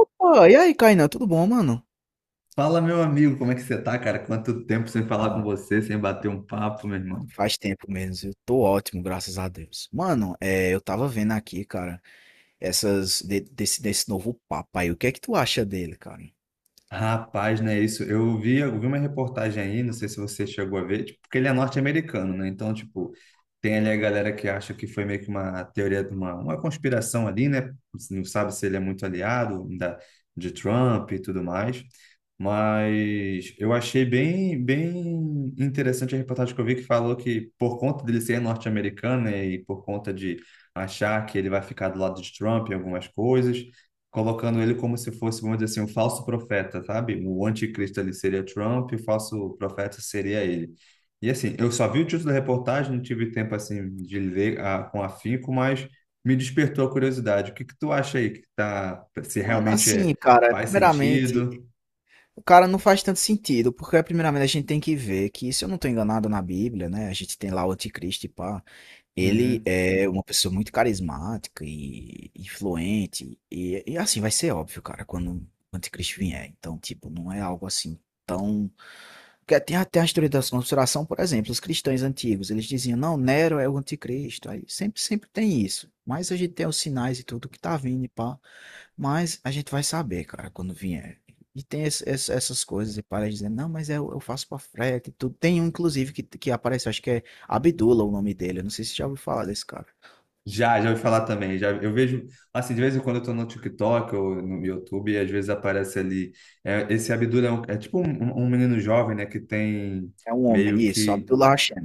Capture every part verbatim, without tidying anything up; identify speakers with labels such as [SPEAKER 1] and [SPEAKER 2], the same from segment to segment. [SPEAKER 1] Opa, e aí, Kainan, tudo bom, mano?
[SPEAKER 2] Fala, meu amigo, como é que você tá, cara? Quanto tempo sem falar com
[SPEAKER 1] Ah,
[SPEAKER 2] você, sem bater um papo, meu irmão?
[SPEAKER 1] faz tempo mesmo. Eu tô ótimo, graças a Deus. Mano, é, eu tava vendo aqui, cara, essas de- desse, desse novo Papa aí. O que é que tu acha dele, cara?
[SPEAKER 2] Rapaz, né? Isso. Eu vi, eu vi uma reportagem aí, não sei se você chegou a ver, tipo, porque ele é norte-americano, né? Então, tipo, tem ali a galera que acha que foi meio que uma teoria, uma, uma conspiração ali, né? Não sabe se ele é muito aliado da, de Trump e tudo mais. Mas eu achei bem, bem interessante a reportagem que eu vi que falou que por conta dele ser norte-americano, né, e por conta de achar que ele vai ficar do lado de Trump em algumas coisas, colocando ele como se fosse, vamos dizer assim, um falso profeta, sabe? O anticristo ali seria Trump, o falso profeta seria ele. E assim, eu só vi o título da reportagem, não tive tempo assim de ler a, com afinco, mas me despertou a curiosidade. O que que tu acha aí que tá, se
[SPEAKER 1] Mano,
[SPEAKER 2] realmente é-
[SPEAKER 1] assim, cara,
[SPEAKER 2] faz
[SPEAKER 1] primeiramente,
[SPEAKER 2] sentido?
[SPEAKER 1] o cara não faz tanto sentido, porque primeiramente a gente tem que ver que, se eu não tô enganado na Bíblia, né, a gente tem lá o anticristo e pá. Ele
[SPEAKER 2] Uhum.
[SPEAKER 1] é uma pessoa muito carismática e influente. E, e assim, vai ser óbvio, cara, quando o anticristo vier. Então, tipo, não é algo assim tão. Porque tem até a história da conspiração, por exemplo, os cristãos antigos, eles diziam, não, Nero é o anticristo. Aí sempre, sempre tem isso. Mas a gente tem os sinais e tudo que tá vindo e pá. Mas a gente vai saber, cara, quando vier. E tem esse- esse- essas coisas, e para dizer, não, mas eu, eu faço pra frete e tudo. Tem um, inclusive, que, que aparece, acho que é Abdullah, o nome dele. Eu não sei se você já ouviu falar desse cara.
[SPEAKER 2] Já, já ouvi falar também. Já, eu vejo, assim, de vez em quando eu tô no TikTok ou no YouTube e às vezes aparece ali, é, esse Abdul é, um- é tipo um, um menino jovem, né, que tem
[SPEAKER 1] É um homem,
[SPEAKER 2] meio
[SPEAKER 1] isso,
[SPEAKER 2] que
[SPEAKER 1] Abdullah Hashem.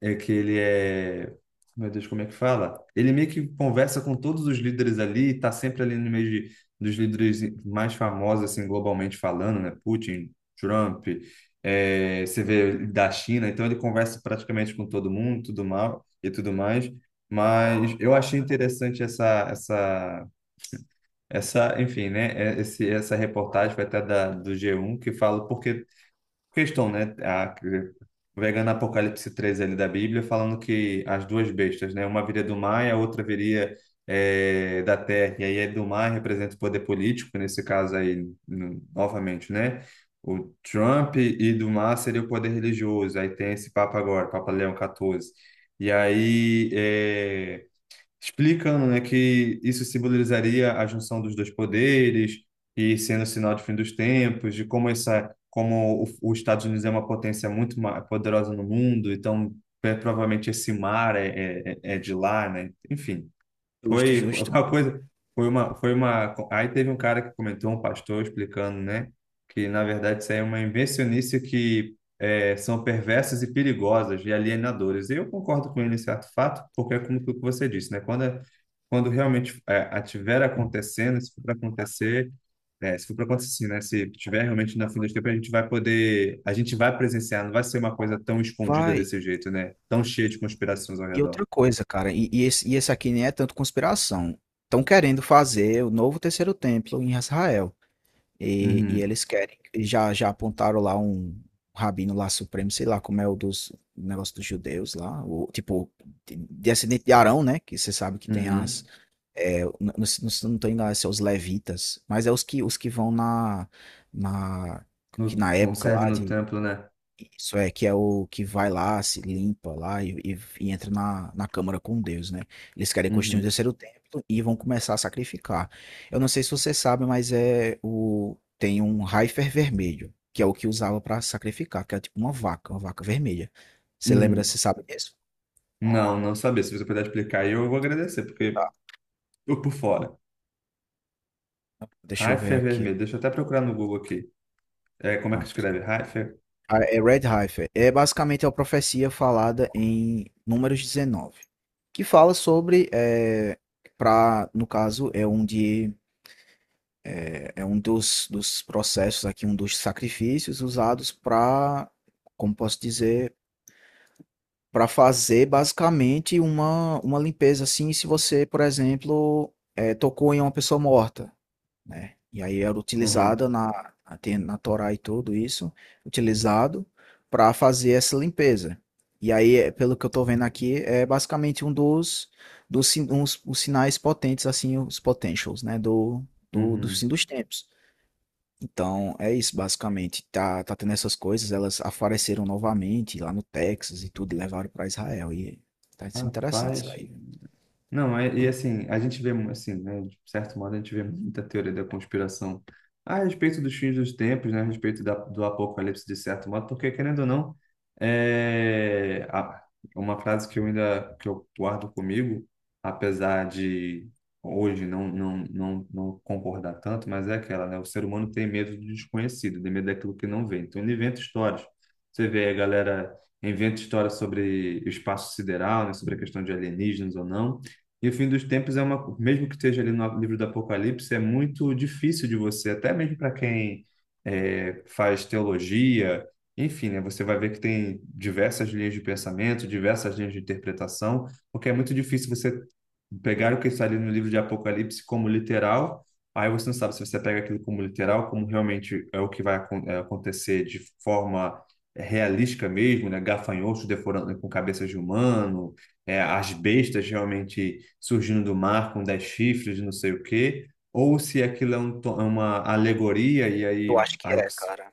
[SPEAKER 2] é que ele é. Meu Deus, como é que fala? Ele meio que conversa com todos os líderes ali, está sempre ali no meio de, dos líderes mais famosos, assim, globalmente falando, né? Putin, Trump, é, você vê da China, então ele conversa praticamente com todo mundo, tudo mal e tudo mais. Mas eu achei interessante essa, essa, essa, enfim, né? é- Esse, essa reportagem foi até da, do G um que fala porque questão, né? A, Vega no Apocalipse treze ali da Bíblia, falando que as duas bestas, né? Uma viria do mar e a outra viria eh, da terra. E aí a do mar representa o poder político, nesse caso aí, no- novamente, né? O Trump e do mar seria o poder religioso. Aí tem esse Papa agora, Papa Leão catorze. E aí é, explicando, né, que isso simbolizaria a junção dos dois poderes e sendo sinal de fim dos tempos, de como essa, como o- os Estados Unidos é uma potência muito ma- poderosa no mundo, então é, provavelmente esse mar é, é, é de lá, né? Enfim.
[SPEAKER 1] Justo,
[SPEAKER 2] Foi
[SPEAKER 1] justo.
[SPEAKER 2] uma coisa, foi uma, foi uma. Aí teve um cara que comentou, um pastor explicando, né, que na verdade isso aí é uma invencionice que é, são perversas e perigosas e alienadoras. E eu concordo com ele em certo fato, porque é como o que você disse, né? Quando, é- quando realmente é, estiver acontecendo, se for para acontecer, é, se for para acontecer, sim, né? Se tiver realmente na fim dos tempos, a gente vai poder, a gente vai presenciar, não vai ser uma coisa tão escondida
[SPEAKER 1] Vai.
[SPEAKER 2] desse jeito, né? Tão cheia de conspirações ao
[SPEAKER 1] E
[SPEAKER 2] redor.
[SPEAKER 1] outra coisa, cara, e, e esse, e esse aqui nem é tanto conspiração. Estão querendo fazer o novo terceiro templo em Israel. E, e
[SPEAKER 2] Uhum,
[SPEAKER 1] eles querem. E Já, já apontaram lá um rabino lá supremo, sei lá como é o dos o negócio dos judeus lá. O, tipo, de- descendente de Arão, né? Que você sabe que tem as.
[SPEAKER 2] uhum.
[SPEAKER 1] É, não, não, não não tô se é os levitas, mas é os que, os que vão na, na, que
[SPEAKER 2] No,
[SPEAKER 1] na
[SPEAKER 2] vão
[SPEAKER 1] época
[SPEAKER 2] serve
[SPEAKER 1] lá
[SPEAKER 2] no
[SPEAKER 1] de,
[SPEAKER 2] templo, né?
[SPEAKER 1] isso é, que é o que vai lá, se limpa lá e, e- e entra na, na câmara com Deus, né? Eles querem construir o
[SPEAKER 2] Uhum.
[SPEAKER 1] terceiro templo e vão começar a sacrificar. Eu não sei se você sabe, mas é o, tem um Heifer vermelho, que é o que usava para sacrificar, que é tipo uma vaca, uma vaca vermelha. Você lembra,
[SPEAKER 2] Uhum.
[SPEAKER 1] você sabe disso?
[SPEAKER 2] Não, não sabia. Se você puder explicar, aí eu vou agradecer, porque eu por fora.
[SPEAKER 1] Deixa eu ver
[SPEAKER 2] Haifa
[SPEAKER 1] aqui.
[SPEAKER 2] vermelho. Deixa eu até procurar no Google aqui. É, como é que
[SPEAKER 1] Pronto.
[SPEAKER 2] escreve? Haifa?
[SPEAKER 1] Ah, é Red Heifer. É basicamente a profecia falada em Números dezenove, que fala sobre, é, pra, no caso, é um, de, é, é um dos, dos processos aqui, um dos sacrifícios usados para, como posso dizer, para fazer basicamente uma, uma limpeza assim, se você, por exemplo, é, tocou em uma pessoa morta, né? E aí era
[SPEAKER 2] Uhum.
[SPEAKER 1] utilizada na, tem na Torá e tudo isso, utilizado para fazer essa limpeza. E aí, é, pelo que eu tô vendo aqui, é basicamente um dos, dos sin- uns, os sinais potentes, assim, os potentials, né? Do, do, do fim
[SPEAKER 2] Uhum.
[SPEAKER 1] dos tempos. Então, é isso, basicamente. Tá, tá tendo essas coisas, elas apareceram novamente lá no Texas e tudo, e levaram para Israel. E tá sendo interessante isso
[SPEAKER 2] Rapaz.
[SPEAKER 1] aí.
[SPEAKER 2] Não, é- E assim, a gente vê, assim, né, de certo modo, a gente vê muita teoria da conspiração a respeito dos fins dos tempos, né, a respeito da, do apocalipse, de certo modo, porque, querendo ou não, é a- uma frase que eu ainda que eu guardo comigo, apesar de hoje não, não, não, não concordar tanto, mas é aquela, né, o ser humano tem medo do desconhecido, tem medo daquilo que não vê. Então, ele inventa histórias. Você vê a galera inventa histórias sobre o espaço sideral, né, sobre a questão de alienígenas ou não. E o fim dos tempos é uma, mesmo que esteja ali no livro do Apocalipse, é muito difícil de você, até mesmo para quem é, faz teologia, enfim, né, você vai ver que tem diversas linhas de pensamento, diversas linhas de interpretação, porque é muito difícil você pegar o que está ali no livro de Apocalipse como literal, aí você não sabe se você pega aquilo como literal, como realmente é o que vai acon- é, acontecer de forma realística mesmo, né, gafanhotos deforando com cabeças de humano, é, as bestas realmente surgindo do mar com dez chifres, não sei o quê, ou se aquilo é, um to- é uma alegoria e
[SPEAKER 1] Eu
[SPEAKER 2] aí,
[SPEAKER 1] acho que
[SPEAKER 2] aí-
[SPEAKER 1] é, cara.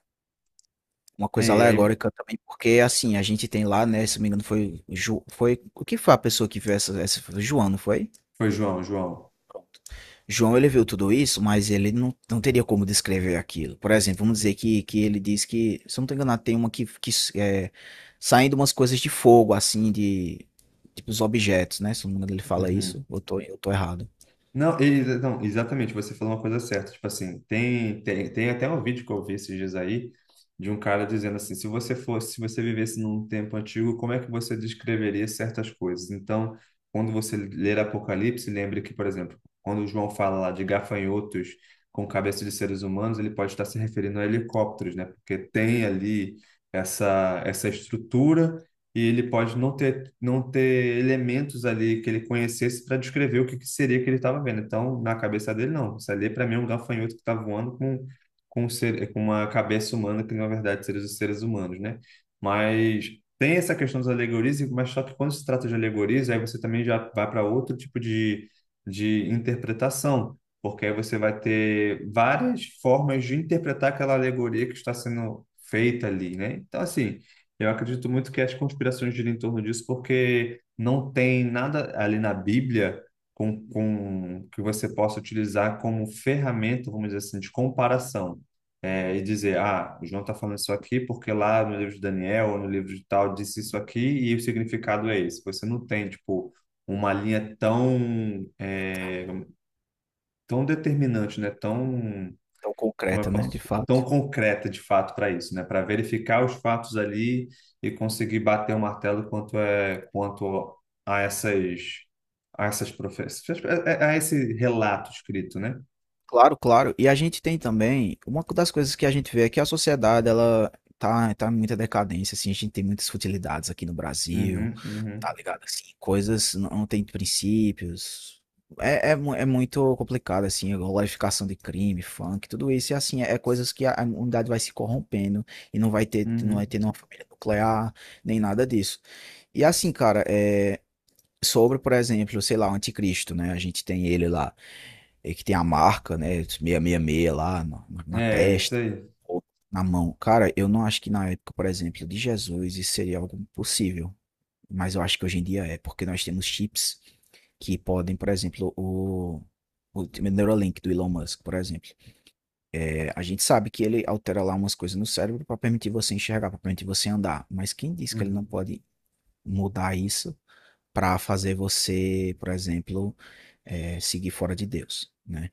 [SPEAKER 1] Uma
[SPEAKER 2] é,
[SPEAKER 1] coisa
[SPEAKER 2] aí
[SPEAKER 1] alegórica também, porque assim, a gente tem lá, né, se não me engano, foi, Ju- foi, o que foi a pessoa que viu essa, essa foi o João, não foi?
[SPEAKER 2] foi João, João.
[SPEAKER 1] Pronto. João, ele viu tudo isso, mas ele não, não teria como descrever aquilo. Por exemplo, vamos dizer que, que ele diz que, se eu não estou enganado, tem uma que, que é, saindo umas coisas de fogo, assim, de, tipo, os objetos, né, se eu não me engano, ele fala isso,
[SPEAKER 2] Uhum.
[SPEAKER 1] eu tô, eu tô errado.
[SPEAKER 2] Não, e- não, exatamente, você falou uma coisa certa. Tipo assim, tem, tem, tem até um vídeo que eu vi esses dias aí, de um cara dizendo assim: se você fosse, se você vivesse num tempo antigo, como é que você descreveria certas coisas? Então, quando você ler Apocalipse, lembre que, por exemplo, quando o João fala lá de gafanhotos com cabeça de seres humanos, ele pode estar se referindo a helicópteros, né? Porque tem ali essa, essa estrutura e ele pode não ter, não ter elementos ali que ele conhecesse para descrever o que, que seria que ele estava vendo. Então, na cabeça dele, não. Isso ali, para mim, é um gafanhoto que está voando com, com, um ser, com uma cabeça humana, que na verdade seriam os seres humanos, né? Mas tem essa questão das alegorias, mas só que quando se trata de alegorias, aí você também já vai para outro tipo de, de interpretação. Porque aí você vai ter várias formas de interpretar aquela alegoria que está sendo feita ali, né? Então, assim, eu acredito muito que as conspirações giram em torno disso, porque não tem nada ali na Bíblia com, com que você possa utilizar como ferramenta, vamos dizer assim, de comparação. É, e dizer, ah, o João está falando isso aqui porque lá no livro de Daniel ou no livro de tal disse isso aqui e o significado é esse. Você não tem, tipo, uma linha tão, é, tão determinante, né? Tão
[SPEAKER 1] Então,
[SPEAKER 2] como
[SPEAKER 1] concreta,
[SPEAKER 2] eu
[SPEAKER 1] né, de
[SPEAKER 2] posso, tão
[SPEAKER 1] fato.
[SPEAKER 2] concreta de fato para isso, né? Para verificar os fatos ali e conseguir bater o martelo quanto é quanto a essas a essas profecias, a, a- a esse relato escrito, né?
[SPEAKER 1] Claro, claro. E a gente tem também, uma das coisas que a gente vê é que a sociedade, ela tá, tá em muita decadência, assim, a gente tem muitas futilidades aqui no Brasil,
[SPEAKER 2] Uhum,
[SPEAKER 1] tá
[SPEAKER 2] uhum,
[SPEAKER 1] ligado? Assim, coisas não, não tem princípios. É, é, mu- é muito complicado, assim, a glorificação de crime, funk, tudo isso, e assim, é, coisas que a, a humanidade vai se corrompendo e não vai ter, não vai
[SPEAKER 2] uhum.
[SPEAKER 1] ter nenhuma família nuclear, nem nada disso. E assim, cara, é, sobre, por exemplo, sei lá, o anticristo, né? A gente tem ele lá. E que tem a marca, né? seiscentos e sessenta e seis lá na, na
[SPEAKER 2] É, isso
[SPEAKER 1] testa,
[SPEAKER 2] aí.
[SPEAKER 1] ou na mão. Cara, eu não acho que na época, por exemplo, de Jesus, isso seria algo possível. Mas eu acho que hoje em dia é, porque nós temos chips que podem, por exemplo, o, o Neuralink do Elon Musk, por exemplo. É, a gente sabe que ele altera lá umas coisas no cérebro para permitir você enxergar, para permitir você andar. Mas quem diz que ele não
[SPEAKER 2] Uhum.
[SPEAKER 1] pode mudar isso para fazer você, por exemplo, é, seguir fora de Deus, né?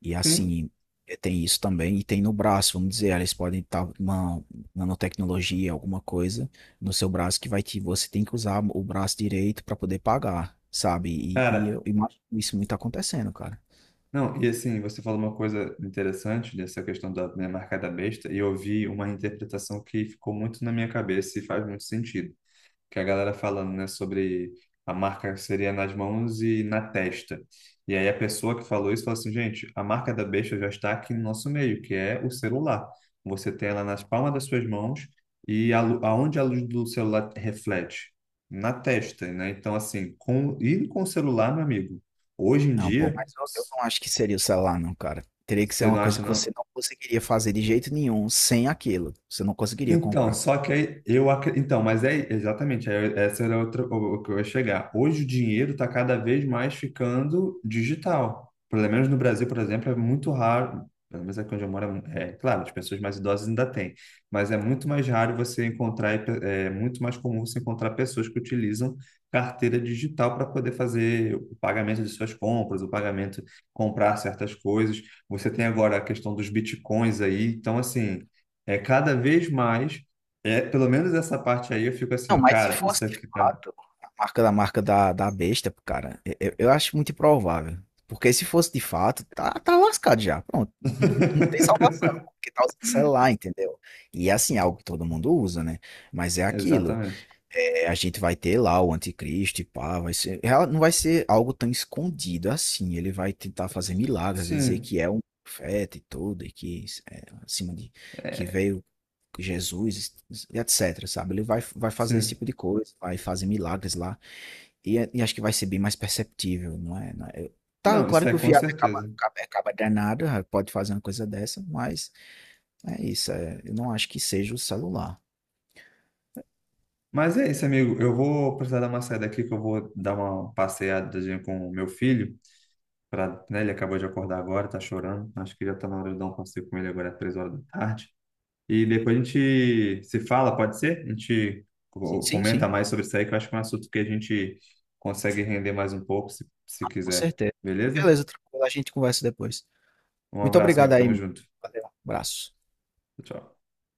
[SPEAKER 1] E
[SPEAKER 2] Sim,
[SPEAKER 1] assim, eh, tem isso também, e tem no braço, vamos dizer, elas podem estar com uma nanotecnologia, alguma coisa no seu braço que vai te, você tem que usar o braço direito para poder pagar, sabe? E, e
[SPEAKER 2] cara.
[SPEAKER 1] eu imagino isso muito acontecendo, cara.
[SPEAKER 2] Não, e assim, você falou uma coisa interessante dessa questão da né, marca da besta, e eu vi uma interpretação que ficou muito na minha cabeça e faz muito sentido que a galera falando, né, sobre a marca seria nas mãos e na testa. E aí a pessoa que falou isso falou assim, gente, a marca da besta já está aqui no nosso meio, que é o celular. Você tem ela nas palmas das suas mãos e a, lu- aonde a luz do celular reflete? Na testa, né? Então, assim, com, e com o celular, meu amigo, hoje em
[SPEAKER 1] Não, pô,
[SPEAKER 2] dia,
[SPEAKER 1] mas eu, eu não acho que seria o celular, não, cara. Teria que ser
[SPEAKER 2] você
[SPEAKER 1] uma
[SPEAKER 2] não
[SPEAKER 1] coisa
[SPEAKER 2] acha,
[SPEAKER 1] que você
[SPEAKER 2] não?
[SPEAKER 1] não conseguiria fazer de jeito nenhum sem aquilo. Você não conseguiria
[SPEAKER 2] Então,
[SPEAKER 1] comprar.
[SPEAKER 2] só que aí eu acre- então, mas é exatamente, aí eu- essa era outra o o que eu ia chegar. Hoje o dinheiro está cada vez mais ficando digital. Pelo menos no Brasil, por exemplo, é muito raro, pelo menos aqui onde eu moro, é, mu- é, claro, as pessoas mais idosas ainda têm, mas é muito mais raro você encontrar, e pe- é muito mais comum você encontrar pessoas que utilizam carteira digital para poder fazer o pagamento de suas compras, o pagamento, comprar certas coisas. Você tem agora a questão dos bitcoins aí, então assim, é cada vez mais, é, pelo menos essa parte aí eu fico
[SPEAKER 1] Não,
[SPEAKER 2] assim,
[SPEAKER 1] mas se
[SPEAKER 2] cara,
[SPEAKER 1] fosse
[SPEAKER 2] isso
[SPEAKER 1] de
[SPEAKER 2] aqui tá.
[SPEAKER 1] fato a marca da marca da, da besta, cara, eu, eu eu acho muito improvável. Porque se fosse de fato, tá, tá lascado já. Pronto. Não tem salvação. Porque tá usando celular, entendeu? E é assim, é algo que todo mundo usa, né? Mas é aquilo.
[SPEAKER 2] Exatamente.
[SPEAKER 1] É, a gente vai ter lá o anticristo e pá, vai ser, ela não vai ser algo tão escondido assim. Ele vai tentar fazer milagres, vai dizer
[SPEAKER 2] Sim,
[SPEAKER 1] que é um profeta e tudo, e que é, acima de que
[SPEAKER 2] é,
[SPEAKER 1] veio Jesus, e etc, sabe? Ele vai, vai fazer esse
[SPEAKER 2] sim.
[SPEAKER 1] tipo de coisa, vai fazer milagres lá, e, é, e acho que vai ser bem mais perceptível, não é? Não é- Tá,
[SPEAKER 2] Não,
[SPEAKER 1] claro
[SPEAKER 2] isso é
[SPEAKER 1] que o
[SPEAKER 2] com
[SPEAKER 1] viado acaba,
[SPEAKER 2] certeza.
[SPEAKER 1] acaba, acaba danado, ah, pode fazer uma coisa dessa, mas é isso, é, eu não acho que seja o celular.
[SPEAKER 2] Mas é isso, amigo. Eu vou precisar dar uma saída aqui, que eu vou dar uma passeadazinha com o meu filho. Pra, né, ele acabou de acordar agora, tá chorando. Acho que já tá na hora de dar um passeio com ele agora, às três horas da tarde. E depois a gente se fala, pode ser? A gente
[SPEAKER 1] Sim,
[SPEAKER 2] co-
[SPEAKER 1] sim, sim.
[SPEAKER 2] comenta mais sobre isso aí, que eu acho que é um assunto que a gente consegue render mais um pouco, se, se
[SPEAKER 1] Com
[SPEAKER 2] quiser.
[SPEAKER 1] certeza.
[SPEAKER 2] Beleza?
[SPEAKER 1] Beleza, tranquilo, a gente conversa depois.
[SPEAKER 2] Um
[SPEAKER 1] Muito
[SPEAKER 2] abraço,
[SPEAKER 1] obrigado
[SPEAKER 2] amigo. Tamo
[SPEAKER 1] aí.
[SPEAKER 2] junto.
[SPEAKER 1] Valeu, abraço.
[SPEAKER 2] Tchau.